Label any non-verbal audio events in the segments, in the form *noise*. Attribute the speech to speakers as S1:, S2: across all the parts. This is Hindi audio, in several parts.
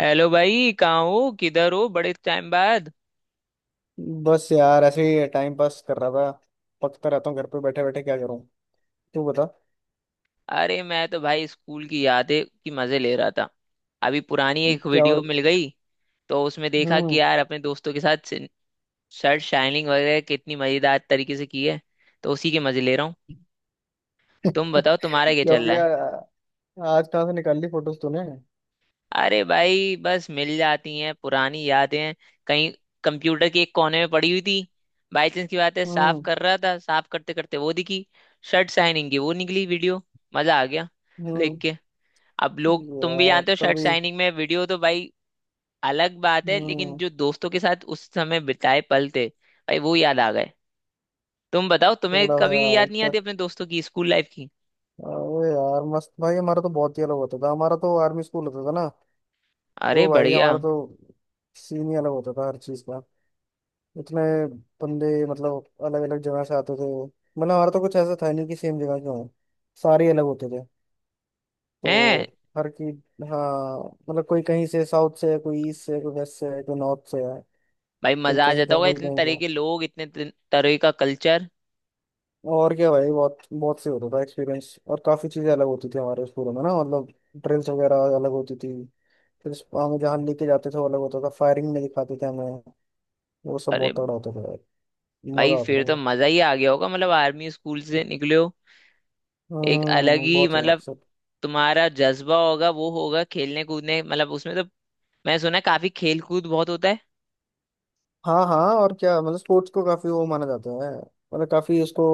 S1: हेलो भाई कहाँ हो किधर हो, बड़े टाइम बाद।
S2: बस यार ऐसे ही टाइम पास कर रहा था। पकता रहता हूँ घर पे बैठे बैठे, क्या करूँ। तू बता।
S1: अरे मैं तो भाई स्कूल की यादें की मजे ले रहा था। अभी पुरानी एक
S2: क्या हो।
S1: वीडियो मिल गई। तो उसमें देखा कि
S2: हम्म।
S1: यार अपने दोस्तों के साथ शर्ट शाइनिंग वगैरह कितनी मजेदार तरीके से की है। तो उसी के मजे ले रहा हूँ।
S2: *laughs*
S1: तुम बताओ तुम्हारा क्या
S2: क्या हो
S1: चल रहा है।
S2: गया? आज कहाँ से निकाल ली फोटोज तूने?
S1: अरे भाई बस मिल जाती हैं पुरानी यादें। कहीं कंप्यूटर के एक कोने में पड़ी हुई थी। बाई चांस की बात है, साफ
S2: हम्म।
S1: कर रहा था, साफ करते करते वो दिखी। शर्ट साइनिंग की वो निकली वीडियो। मजा आ गया देख
S2: हम्म।
S1: के। अब लोग तुम भी
S2: यार
S1: जानते हो, शर्ट
S2: तभी।
S1: साइनिंग में वीडियो तो भाई अलग बात है, लेकिन
S2: हम्म।
S1: जो दोस्तों के साथ उस समय बिताए पल थे भाई वो याद आ गए। तुम बताओ, तुम्हें
S2: थोड़ा सा
S1: कभी
S2: यार
S1: याद नहीं आती अपने दोस्तों की, स्कूल लाइफ की?
S2: अरे यार मस्त भाई, हमारा तो बहुत ही अलग होता था। हमारा तो आर्मी स्कूल होता था ना।
S1: अरे
S2: तो भाई
S1: बढ़िया
S2: हमारा तो सीन ही अलग होता था हर चीज का। इतने बंदे मतलब अलग अलग जगह से आते थे, मतलब हमारा तो कुछ ऐसा था नहीं कि सेम जगह के हों। सारे अलग होते थे तो।
S1: है
S2: हर की। हाँ। मतलब कोई कहीं से साउथ से है, कोई ईस्ट से है, कोई वेस्ट से है, कोई नॉर्थ से है।
S1: भाई,
S2: कोई
S1: मजा आ
S2: कहीं
S1: जाता
S2: का
S1: होगा
S2: कोई
S1: इतने
S2: कहीं
S1: तरह
S2: का।
S1: के लोग, इतने तरह का कल्चर।
S2: और क्या भाई, बहुत बहुत से होता था एक्सपीरियंस, और काफ़ी चीज़ें अलग होती थी हमारे स्कूलों में ना, मतलब ड्रिल्स वगैरह अलग होती थी। फिर हमें जहाँ लेके जाते थे वो अलग होता था, फायरिंग में दिखाते थे हमें। वो सब
S1: अरे
S2: बहुत तगड़ा होता था यार।
S1: भाई
S2: मज़ा आता
S1: फिर
S2: था
S1: तो
S2: यार।
S1: मजा ही आ गया होगा, मतलब आर्मी स्कूल से निकले हो। एक अलग
S2: हम्म।
S1: ही
S2: बहुत।
S1: मतलब तुम्हारा जज्बा होगा, वो होगा खेलने कूदने, मतलब उसमें तो। मैं सुना है काफी खेल कूद बहुत होता है।
S2: हाँ हाँ, और क्या, मतलब स्पोर्ट्स को काफी वो माना जाता है, मतलब काफी उसको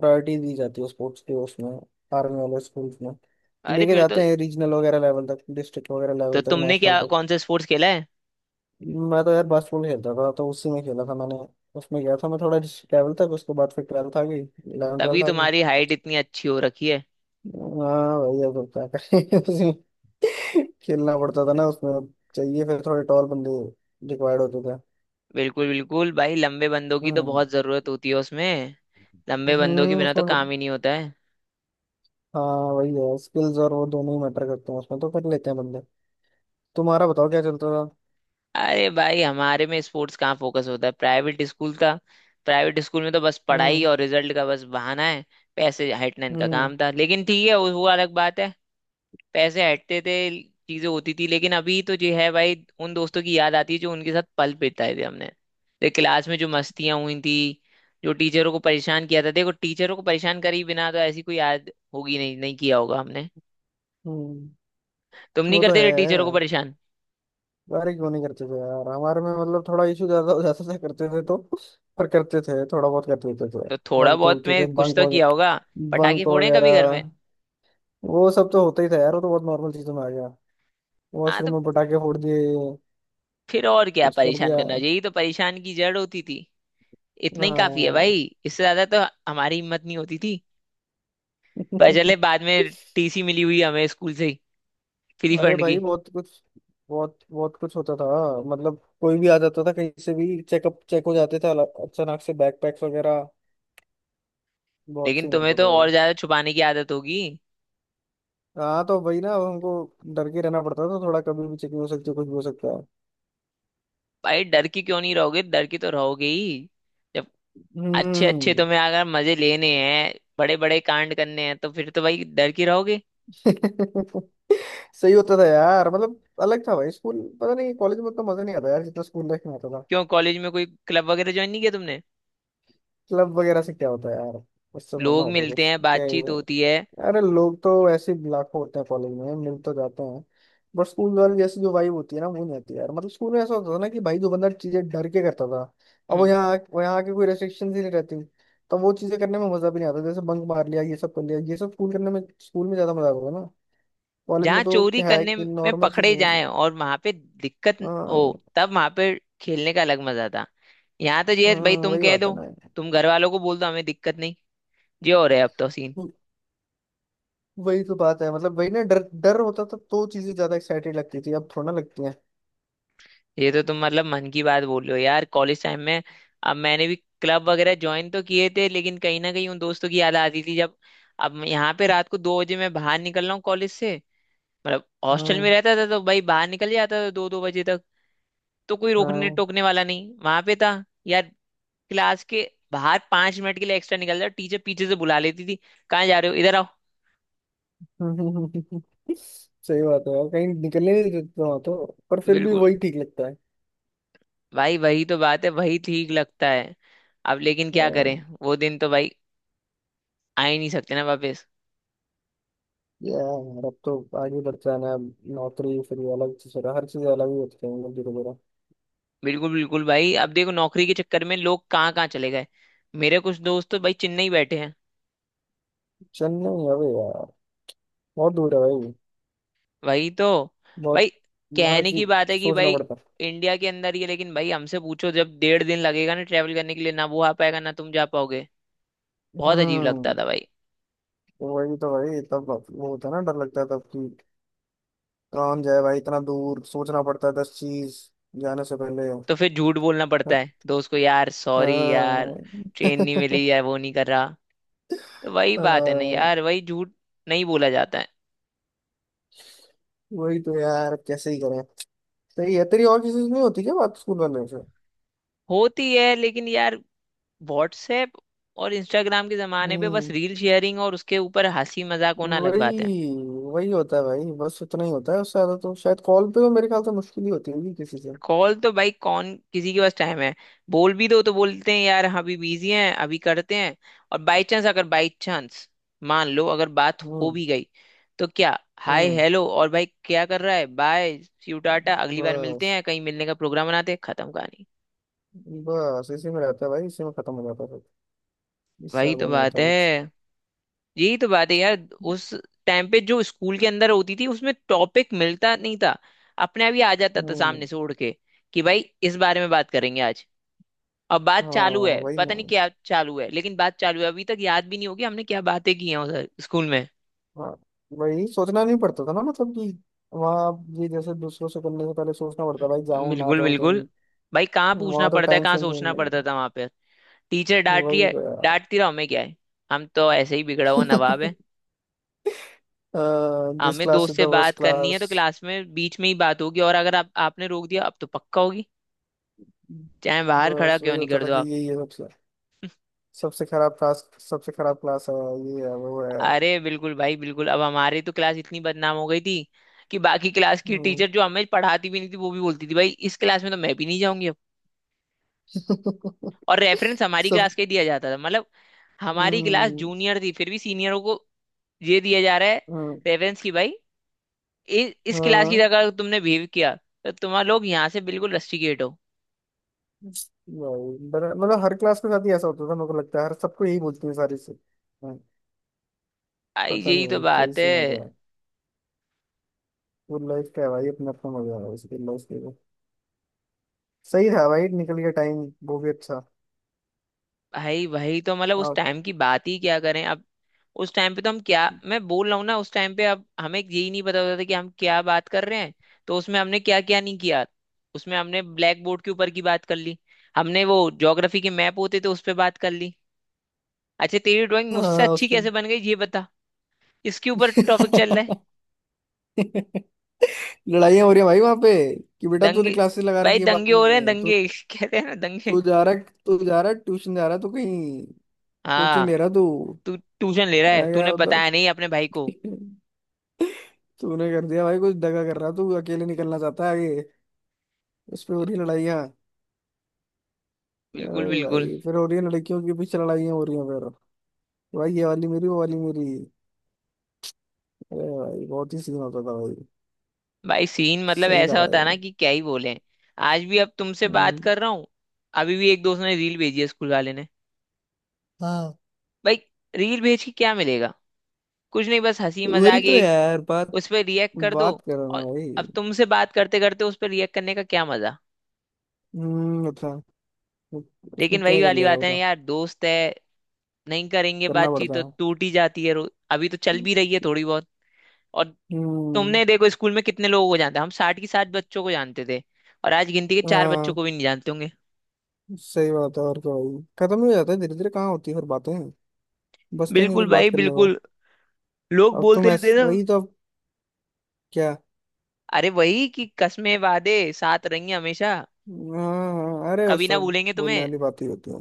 S2: प्रायोरिटी दी जाती है, स्पोर्ट्स के उसमें, आर्मी वाले स्कूल्स में।
S1: अरे
S2: लेके
S1: फिर तो
S2: जाते हैं रीजनल वगैरह लेवल तक, डिस्ट्रिक्ट वगैरह
S1: तो
S2: लेवल तक,
S1: तुमने
S2: नेशनल
S1: क्या
S2: तक।
S1: कौन सा स्पोर्ट्स खेला है?
S2: मैं तो यार बास्केटबॉल खेलता था, तो उसी में खेला था मैंने। उसमें गया था मैं थोड़ा डिस्ट्रिक्ट लेवल तक, उसके बाद फिर 12th आ गई, इलेवन
S1: तभी
S2: ट्वेल्थ आ गई।
S1: तुम्हारी हाइट इतनी अच्छी हो रखी है।
S2: हाँ भैया, तो क्या करें। *laughs* उसी में खेलना पड़ता था ना उसमें। चाहिए फिर थोड़े टॉल बंदे, रिक्वायर्ड होते थे।
S1: बिल्कुल बिल्कुल भाई, लंबे बंदों की तो
S2: हम्म।
S1: बहुत जरूरत होती है उसमें। लंबे बंदों के बिना तो
S2: उसमें।
S1: काम ही नहीं होता है।
S2: हाँ। वही है स्किल्स और वो, दोनों ही मैटर करते हैं उसमें, तो कर लेते हैं बंदे। तुम्हारा बताओ, क्या चलता था?
S1: अरे भाई हमारे में स्पोर्ट्स कहाँ फोकस होता है, प्राइवेट स्कूल का? प्राइवेट स्कूल में तो बस पढ़ाई
S2: हम्म।
S1: और रिजल्ट का बस बहाना है। पैसे हटना इनका
S2: हम्म।
S1: काम था, लेकिन ठीक है, वो अलग बात है। पैसे हटते थे, चीजें होती थी, लेकिन अभी तो जो है भाई, उन दोस्तों की याद आती है, जो उनके साथ पल बिताए थे हमने। देख क्लास में जो मस्तियां हुई थी, जो टीचरों को परेशान किया था, देखो टीचरों को परेशान करे बिना तो ऐसी कोई याद होगी नहीं, नहीं किया होगा हमने।
S2: हम्म।
S1: तुम नहीं
S2: वो तो
S1: करते थे टीचरों को
S2: है।
S1: परेशान?
S2: बारी क्यों नहीं करते थे यार, हमारे में मतलब थोड़ा इशू ज्यादा हो जाता था, करते थे तो। पर करते थे, थोड़ा बहुत कर लेते थे
S1: तो
S2: तो।
S1: थोड़ा
S2: भागते
S1: बहुत
S2: उठते
S1: में
S2: थे,
S1: कुछ
S2: बंक
S1: तो किया
S2: वगैरह।
S1: होगा। पटाखे
S2: बंक
S1: फोड़े हैं कभी घर में?
S2: वगैरह वो सब तो होता ही था यार, वो तो बहुत नॉर्मल चीजों में आ गया।
S1: हाँ तो
S2: वॉशरूम में पटाखे फोड़ दिए,
S1: फिर और क्या
S2: कुछ कर
S1: परेशान
S2: दिया।
S1: करना, यही तो परेशान की जड़ होती थी। इतना ही काफी है
S2: हाँ।
S1: भाई, इससे ज्यादा तो हमारी हिम्मत नहीं होती थी। पर चले बाद में
S2: *laughs*
S1: टीसी मिली हुई हमें स्कूल से, फ्री
S2: अरे
S1: फंड
S2: भाई
S1: की।
S2: बहुत कुछ, बहुत बहुत कुछ होता था। मतलब कोई भी आ जाता था कहीं से भी, चेकअप चेक हो जाते थे अचानक से, बैकपैक्स वगैरह। बहुत
S1: लेकिन
S2: सीन
S1: तुम्हें
S2: होता था
S1: तो और
S2: भाई।
S1: ज्यादा छुपाने की आदत होगी।
S2: हाँ तो वही ना, अब हमको डर के रहना पड़ता था, तो थोड़ा कभी भी चेकिंग हो सकती है, कुछ भी हो सकता है।
S1: भाई डर की क्यों नहीं रहोगे, डर की तो रहोगे ही जब अच्छे अच्छे
S2: हम्म।
S1: तुम्हें अगर मजे लेने हैं, बड़े बड़े कांड करने हैं, तो फिर तो भाई डर के रहोगे।
S2: *laughs* सही होता था यार, मतलब अलग था भाई स्कूल। पता नहीं कॉलेज में उतना मजा नहीं आता यार जितना स्कूल लाइफ में आता था।
S1: क्यों कॉलेज में कोई क्लब वगैरह ज्वाइन नहीं किया तुमने?
S2: क्लब वगैरह से क्या होता है यार? उससे थोड़ा ना
S1: लोग
S2: होता
S1: मिलते
S2: कुछ,
S1: हैं,
S2: क्या ही
S1: बातचीत
S2: है।
S1: होती है।
S2: अरे लोग तो ऐसे ही लाखों होते हैं कॉलेज में, मिल तो जाते हैं। बट स्कूल वाली जैसी जो वाइब होती है ना, वो नहीं आती यार। मतलब स्कूल में ऐसा होता था ना कि भाई जो बंदा चीजें डर के करता था, अब वो
S1: हम्म।
S2: यहाँ के कोई रेस्ट्रिक्शन ही नहीं रहती। तो वो चीजें करने में मजा भी नहीं आता, जैसे बंक मार लिया ये सब, कर लिया ये सब, स्कूल करने में, स्कूल में ज्यादा मजा आता था ना। कॉलेज
S1: जहाँ
S2: में तो
S1: चोरी
S2: क्या है
S1: करने
S2: कि
S1: में
S2: नॉर्मल
S1: पकड़े
S2: चीजें हैं।
S1: जाएं और वहां पे दिक्कत हो,
S2: हाँ।
S1: तब वहां पे खेलने का अलग मजा था। यहाँ तो ये
S2: हाँ।
S1: है, भाई तुम
S2: वही
S1: कह
S2: बात है
S1: दो,
S2: ना।
S1: तुम घर वालों को बोल दो, हमें दिक्कत नहीं। ये हो रहा है, अब तो सीन।
S2: वो- वही तो बात है, मतलब वही ना, डर डर होता था तो चीजें ज्यादा एक्साइटेड लगती थी, अब थोड़ा ना लगती है।
S1: ये तो तुम मतलब मन की बात बोल रहे हो यार, कॉलेज टाइम में। अब मैंने भी क्लब वगैरह ज्वाइन तो किए थे, लेकिन कहीं ना कहीं उन दोस्तों की याद आती थी। जब अब मैं यहाँ पे रात को 2 बजे मैं बाहर निकल रहा हूँ कॉलेज से, मतलब हॉस्टल में
S2: हम्म।
S1: रहता था तो भाई बाहर निकल जाता था 2-2 बजे तक। तो कोई रोकने
S2: हाँ।
S1: टोकने वाला नहीं वहां पे था यार। क्लास के बाहर 5 मिनट के लिए एक्स्ट्रा निकल जाओ, टीचर पीछे से बुला लेती थी, कहाँ जा रहे हो, इधर आओ।
S2: हम्म, *laughs* सही बात है यार, कहीं निकलने नहीं देते वहां तो, पर फिर भी
S1: बिल्कुल
S2: वही ठीक लगता है।
S1: भाई, वही तो बात है, वही ठीक लगता है। अब लेकिन क्या करें,
S2: अम,
S1: वो दिन तो भाई आ ही नहीं सकते ना वापस।
S2: यार अब तो आगे बढ़ जाना है, अब नौकरी, फिर ये अलग चीज, हर चीज अलग ही होती है मतलब, धीरे धीरे।
S1: बिल्कुल बिल्कुल भाई, अब देखो नौकरी के चक्कर में लोग कहाँ कहाँ चले गए। मेरे कुछ दोस्त तो भाई चेन्नई बैठे हैं।
S2: चेन्नई अबे यार, बहुत दूर है भाई।
S1: वही तो भाई,
S2: बहुत। हर
S1: कहने की
S2: चीज
S1: बात है कि
S2: सोचना
S1: भाई
S2: पड़ता है।
S1: इंडिया के अंदर ही है, लेकिन भाई हमसे पूछो, जब 1.5 दिन लगेगा ना ट्रेवल करने के लिए, ना वो आ पाएगा ना तुम जा पाओगे। बहुत अजीब लगता
S2: हम्म।
S1: था भाई।
S2: वही तो भाई, तब वो होता है ना, डर लगता है तब कि कौन जाए भाई इतना दूर, सोचना पड़ता है 10 चीज, जाने से पहले।
S1: तो फिर झूठ बोलना पड़ता
S2: हाँ।
S1: है दोस्त को, यार सॉरी यार,
S2: *laughs*
S1: ट्रेन नहीं मिली या वो नहीं कर रहा। तो वही बात है ना
S2: हाँ,
S1: यार, वही झूठ नहीं बोला जाता है।
S2: वही तो यार कैसे ही करें। सही है, तेरी और किसी से नहीं होती क्या बात, स्कूल वाले से?
S1: होती है लेकिन यार, व्हाट्सएप और इंस्टाग्राम के जमाने पे बस
S2: हम्म।
S1: रील शेयरिंग और उसके ऊपर हंसी मजाक होना अलग बात है।
S2: वही वही होता है भाई, बस उतना ही होता है, उससे ज्यादा तो शायद कॉल पे तो मेरे ख्याल से मुश्किल ही होती होगी किसी से।
S1: कॉल तो भाई कौन किसी के पास टाइम है। बोल भी दो तो बोलते हैं, यार हाँ अभी बिजी हैं, अभी करते हैं। और बाई चांस, अगर बाई चांस मान लो अगर बात हो
S2: हम्म।
S1: भी गई, तो क्या, हाय
S2: हम्म।
S1: हेलो और भाई क्या कर रहा है, बाय सी यू टाटा, अगली बार मिलते
S2: बस
S1: हैं, कहीं मिलने का प्रोग्राम बनाते हैं, खत्म कहानी।
S2: बस इसी में रहता है भाई, इसी में खत्म हो जाता है फिर, इससे
S1: वही
S2: ज्यादा
S1: तो
S2: नहीं
S1: बात
S2: होता
S1: है।
S2: कुछ।
S1: यही तो बात है यार, उस टाइम पे जो स्कूल के अंदर होती थी उसमें टॉपिक मिलता नहीं था, अपने आप ही आ जाता था सामने
S2: हम्म।
S1: से उड़ के कि भाई इस बारे में बात करेंगे आज। अब बात चालू
S2: हाँ।
S1: है,
S2: वही ना।
S1: पता नहीं क्या चालू है, लेकिन बात चालू है। अभी तक याद भी नहीं होगी हमने क्या बातें की हैं उधर स्कूल में।
S2: हाँ। वही सोचना नहीं पड़ता था ना मतलब कि, वहाँ आप ये जैसे दूसरों से करने से पहले सोचना पड़ता, भाई जाऊँ ना
S1: बिल्कुल
S2: जाऊँ
S1: बिल्कुल
S2: कहीं।
S1: भाई, कहाँ पूछना
S2: वहाँ तो
S1: पड़ता है,
S2: टाइम
S1: कहाँ
S2: से कहीं
S1: सोचना
S2: नहीं
S1: पड़ता
S2: है।
S1: था वहां पे। टीचर डांट रही
S2: वही
S1: है,
S2: तो
S1: डांटती रहो, हमें क्या है, हम तो ऐसे ही बिगड़ा हुआ नवाब
S2: यार।
S1: है।
S2: *laughs* दिस
S1: हमें
S2: क्लास
S1: दोस्त
S2: इज द
S1: से
S2: वर्स्ट
S1: बात करनी है
S2: क्लास।
S1: तो क्लास में बीच में ही बात होगी, और अगर आप, आपने रोक दिया अब तो पक्का होगी, चाहे बाहर खड़ा
S2: बस
S1: क्यों
S2: वही
S1: नहीं
S2: होता
S1: कर
S2: था
S1: दो
S2: कि
S1: आप।
S2: यही है सबसे, सबसे खराब क्लास, सबसे खराब क्लास है, ये है वो है।
S1: अरे बिल्कुल भाई बिल्कुल, अब हमारी तो क्लास इतनी बदनाम हो गई थी कि बाकी क्लास की
S2: हम्म।
S1: टीचर जो हमें पढ़ाती भी नहीं थी, वो भी बोलती थी भाई इस क्लास में तो मैं भी नहीं जाऊंगी। और
S2: *laughs*
S1: रेफरेंस हमारी क्लास
S2: सब।
S1: का ही दिया जाता था, मतलब हमारी क्लास
S2: हम्म,
S1: जूनियर थी फिर भी सीनियरों को ये दिया जा रहा है
S2: हम्म,
S1: रेफरेंस की भाई, इस क्लास की
S2: हाँ।
S1: अगर तुमने बिहेव किया, तो तुम्हारे लोग यहाँ से बिल्कुल रस्टिकेट हो।
S2: भाई, मतलब हर क्लास के साथ ही ऐसा होता था, मेरे को लगता है हर सबको यही बोलती है सारी से। हाँ,
S1: आई
S2: पता नहीं
S1: यही तो
S2: भाई
S1: बात
S2: कैसी
S1: है।
S2: मजा है, वो लाइफ का है भाई, अपना अपना मजा है उसकी लाइफ के लिए। सही था भाई, निकल गया टाइम वो भी अच्छा।
S1: भाई भाई तो मतलब उस
S2: हाँ।
S1: टाइम की बात ही क्या करें अब। उस टाइम पे तो हम क्या, मैं बोल रहा हूँ ना, उस टाइम पे अब हमें यही नहीं पता होता था कि हम क्या बात कर रहे हैं। तो उसमें हमने क्या क्या नहीं किया। उसमें हमने ब्लैक बोर्ड के ऊपर की बात कर ली, हमने वो ज्योग्राफी के मैप होते थे उस पर बात कर ली, अच्छा तेरी ड्राइंग मुझसे
S2: हाँ, उस।
S1: अच्छी कैसे बन गई ये बता, इसके ऊपर टॉपिक चल रहा है।
S2: *laughs* *laughs* *laughs* लड़ाइयाँ हो रही है भाई वहां पे कि बेटा तूने
S1: दंगे,
S2: क्लासेस लगा
S1: भाई
S2: रखी है बाद
S1: दंगे हो रहे हैं,
S2: में तो।
S1: दंगे *laughs* कहते हैं ना, दंगे।
S2: तू जा रहा है, तू जा रहा है ट्यूशन, जा रहा है तू कहीं, कोचिंग
S1: हाँ,
S2: ले रहा है तू।
S1: तू ट्यूशन ले रहा
S2: आ
S1: है,
S2: गया
S1: तूने
S2: उधर।
S1: बताया नहीं अपने भाई को।
S2: *laughs* तूने कर दिया भाई कुछ, दगा कर रहा है, तू अकेले निकलना चाहता है आगे। उस पे हो रही लड़ाइयाँ।
S1: बिल्कुल
S2: अरे
S1: बिल्कुल
S2: भाई फिर हो रही है लड़कियों के पीछे लड़ाइयाँ हो रही हैं फिर, भाई ये वाली मेरी, वो वाली मेरी। अरे भाई बहुत ही सीन होता था भाई।
S1: भाई, सीन मतलब
S2: सही था
S1: ऐसा होता है ना
S2: भाई।
S1: कि क्या ही बोले। आज भी, अब तुमसे बात
S2: हम्म,
S1: कर रहा हूँ, अभी भी एक दोस्त ने रील भेजी है स्कूल वाले ने।
S2: हाँ
S1: भाई रील भेज के क्या मिलेगा, कुछ नहीं, बस हंसी
S2: वही
S1: मजाक
S2: तो
S1: एक,
S2: यार, बात
S1: उस पर रिएक्ट कर दो।
S2: बात करो ना
S1: और
S2: भाई।
S1: अब तुमसे बात करते करते उस पर रिएक्ट करने का क्या मजा।
S2: हम्म। अच्छा। वो- उसमें
S1: लेकिन वही
S2: क्या कर
S1: वाली
S2: लेगा
S1: बात है ना
S2: बता।
S1: यार, दोस्त है। नहीं करेंगे
S2: करना
S1: बातचीत
S2: पड़ता
S1: तो
S2: है।
S1: टूट ही जाती है, अभी तो चल भी रही है थोड़ी बहुत। और
S2: हम्म।
S1: तुमने देखो स्कूल में कितने लोगों को जानते, हम 60 की 60 बच्चों को जानते थे, और आज गिनती के चार बच्चों
S2: हाँ,
S1: को भी नहीं जानते होंगे।
S2: सही बात है और क्या भाई, खत्म ही हो जाता है धीरे धीरे, कहाँ होती है फिर बातें, बचता ही नहीं
S1: बिल्कुल
S2: कुछ बात
S1: भाई
S2: करने को।
S1: बिल्कुल। लोग
S2: अब तो
S1: बोलते
S2: मैं,
S1: थे ना,
S2: वही तो अब, क्या।
S1: अरे वही कि कस्में वादे साथ रहेंगे हमेशा,
S2: हाँ हाँ, अरे वो
S1: कभी ना
S2: सब
S1: भूलेंगे
S2: बोलने
S1: तुम्हें।
S2: वाली बातें ही होती हैं।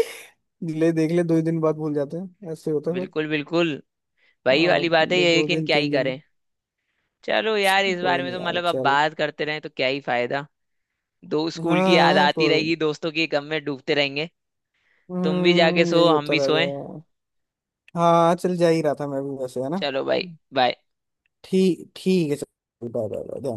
S2: *laughs* ले देख ले, 2 ही दिन बाद भूल जाते हैं, ऐसे होता है फिर।
S1: बिल्कुल बिल्कुल, वही
S2: हाँ,
S1: वाली बात है
S2: एक
S1: ये,
S2: दो
S1: लेकिन
S2: दिन,
S1: क्या ही
S2: 3 दिन।
S1: करें। चलो यार, इस
S2: कोई
S1: बारे में
S2: नहीं
S1: तो
S2: यार,
S1: मतलब अब
S2: चल।
S1: बात करते रहे तो क्या ही फायदा, दो स्कूल की याद
S2: हाँ
S1: आती
S2: कोई।
S1: रहेगी, दोस्तों की गम में डूबते रहेंगे। तुम भी जाके
S2: हम्म,
S1: सो,
S2: यही
S1: हम
S2: होता
S1: भी सोए।
S2: रहेगा। हाँ, चल जा ही रहा था मैं भी वैसे, है ना।
S1: चलो भाई, बाय।
S2: ठीक ठीक है चलो, बाय बाय बाय, ध्यान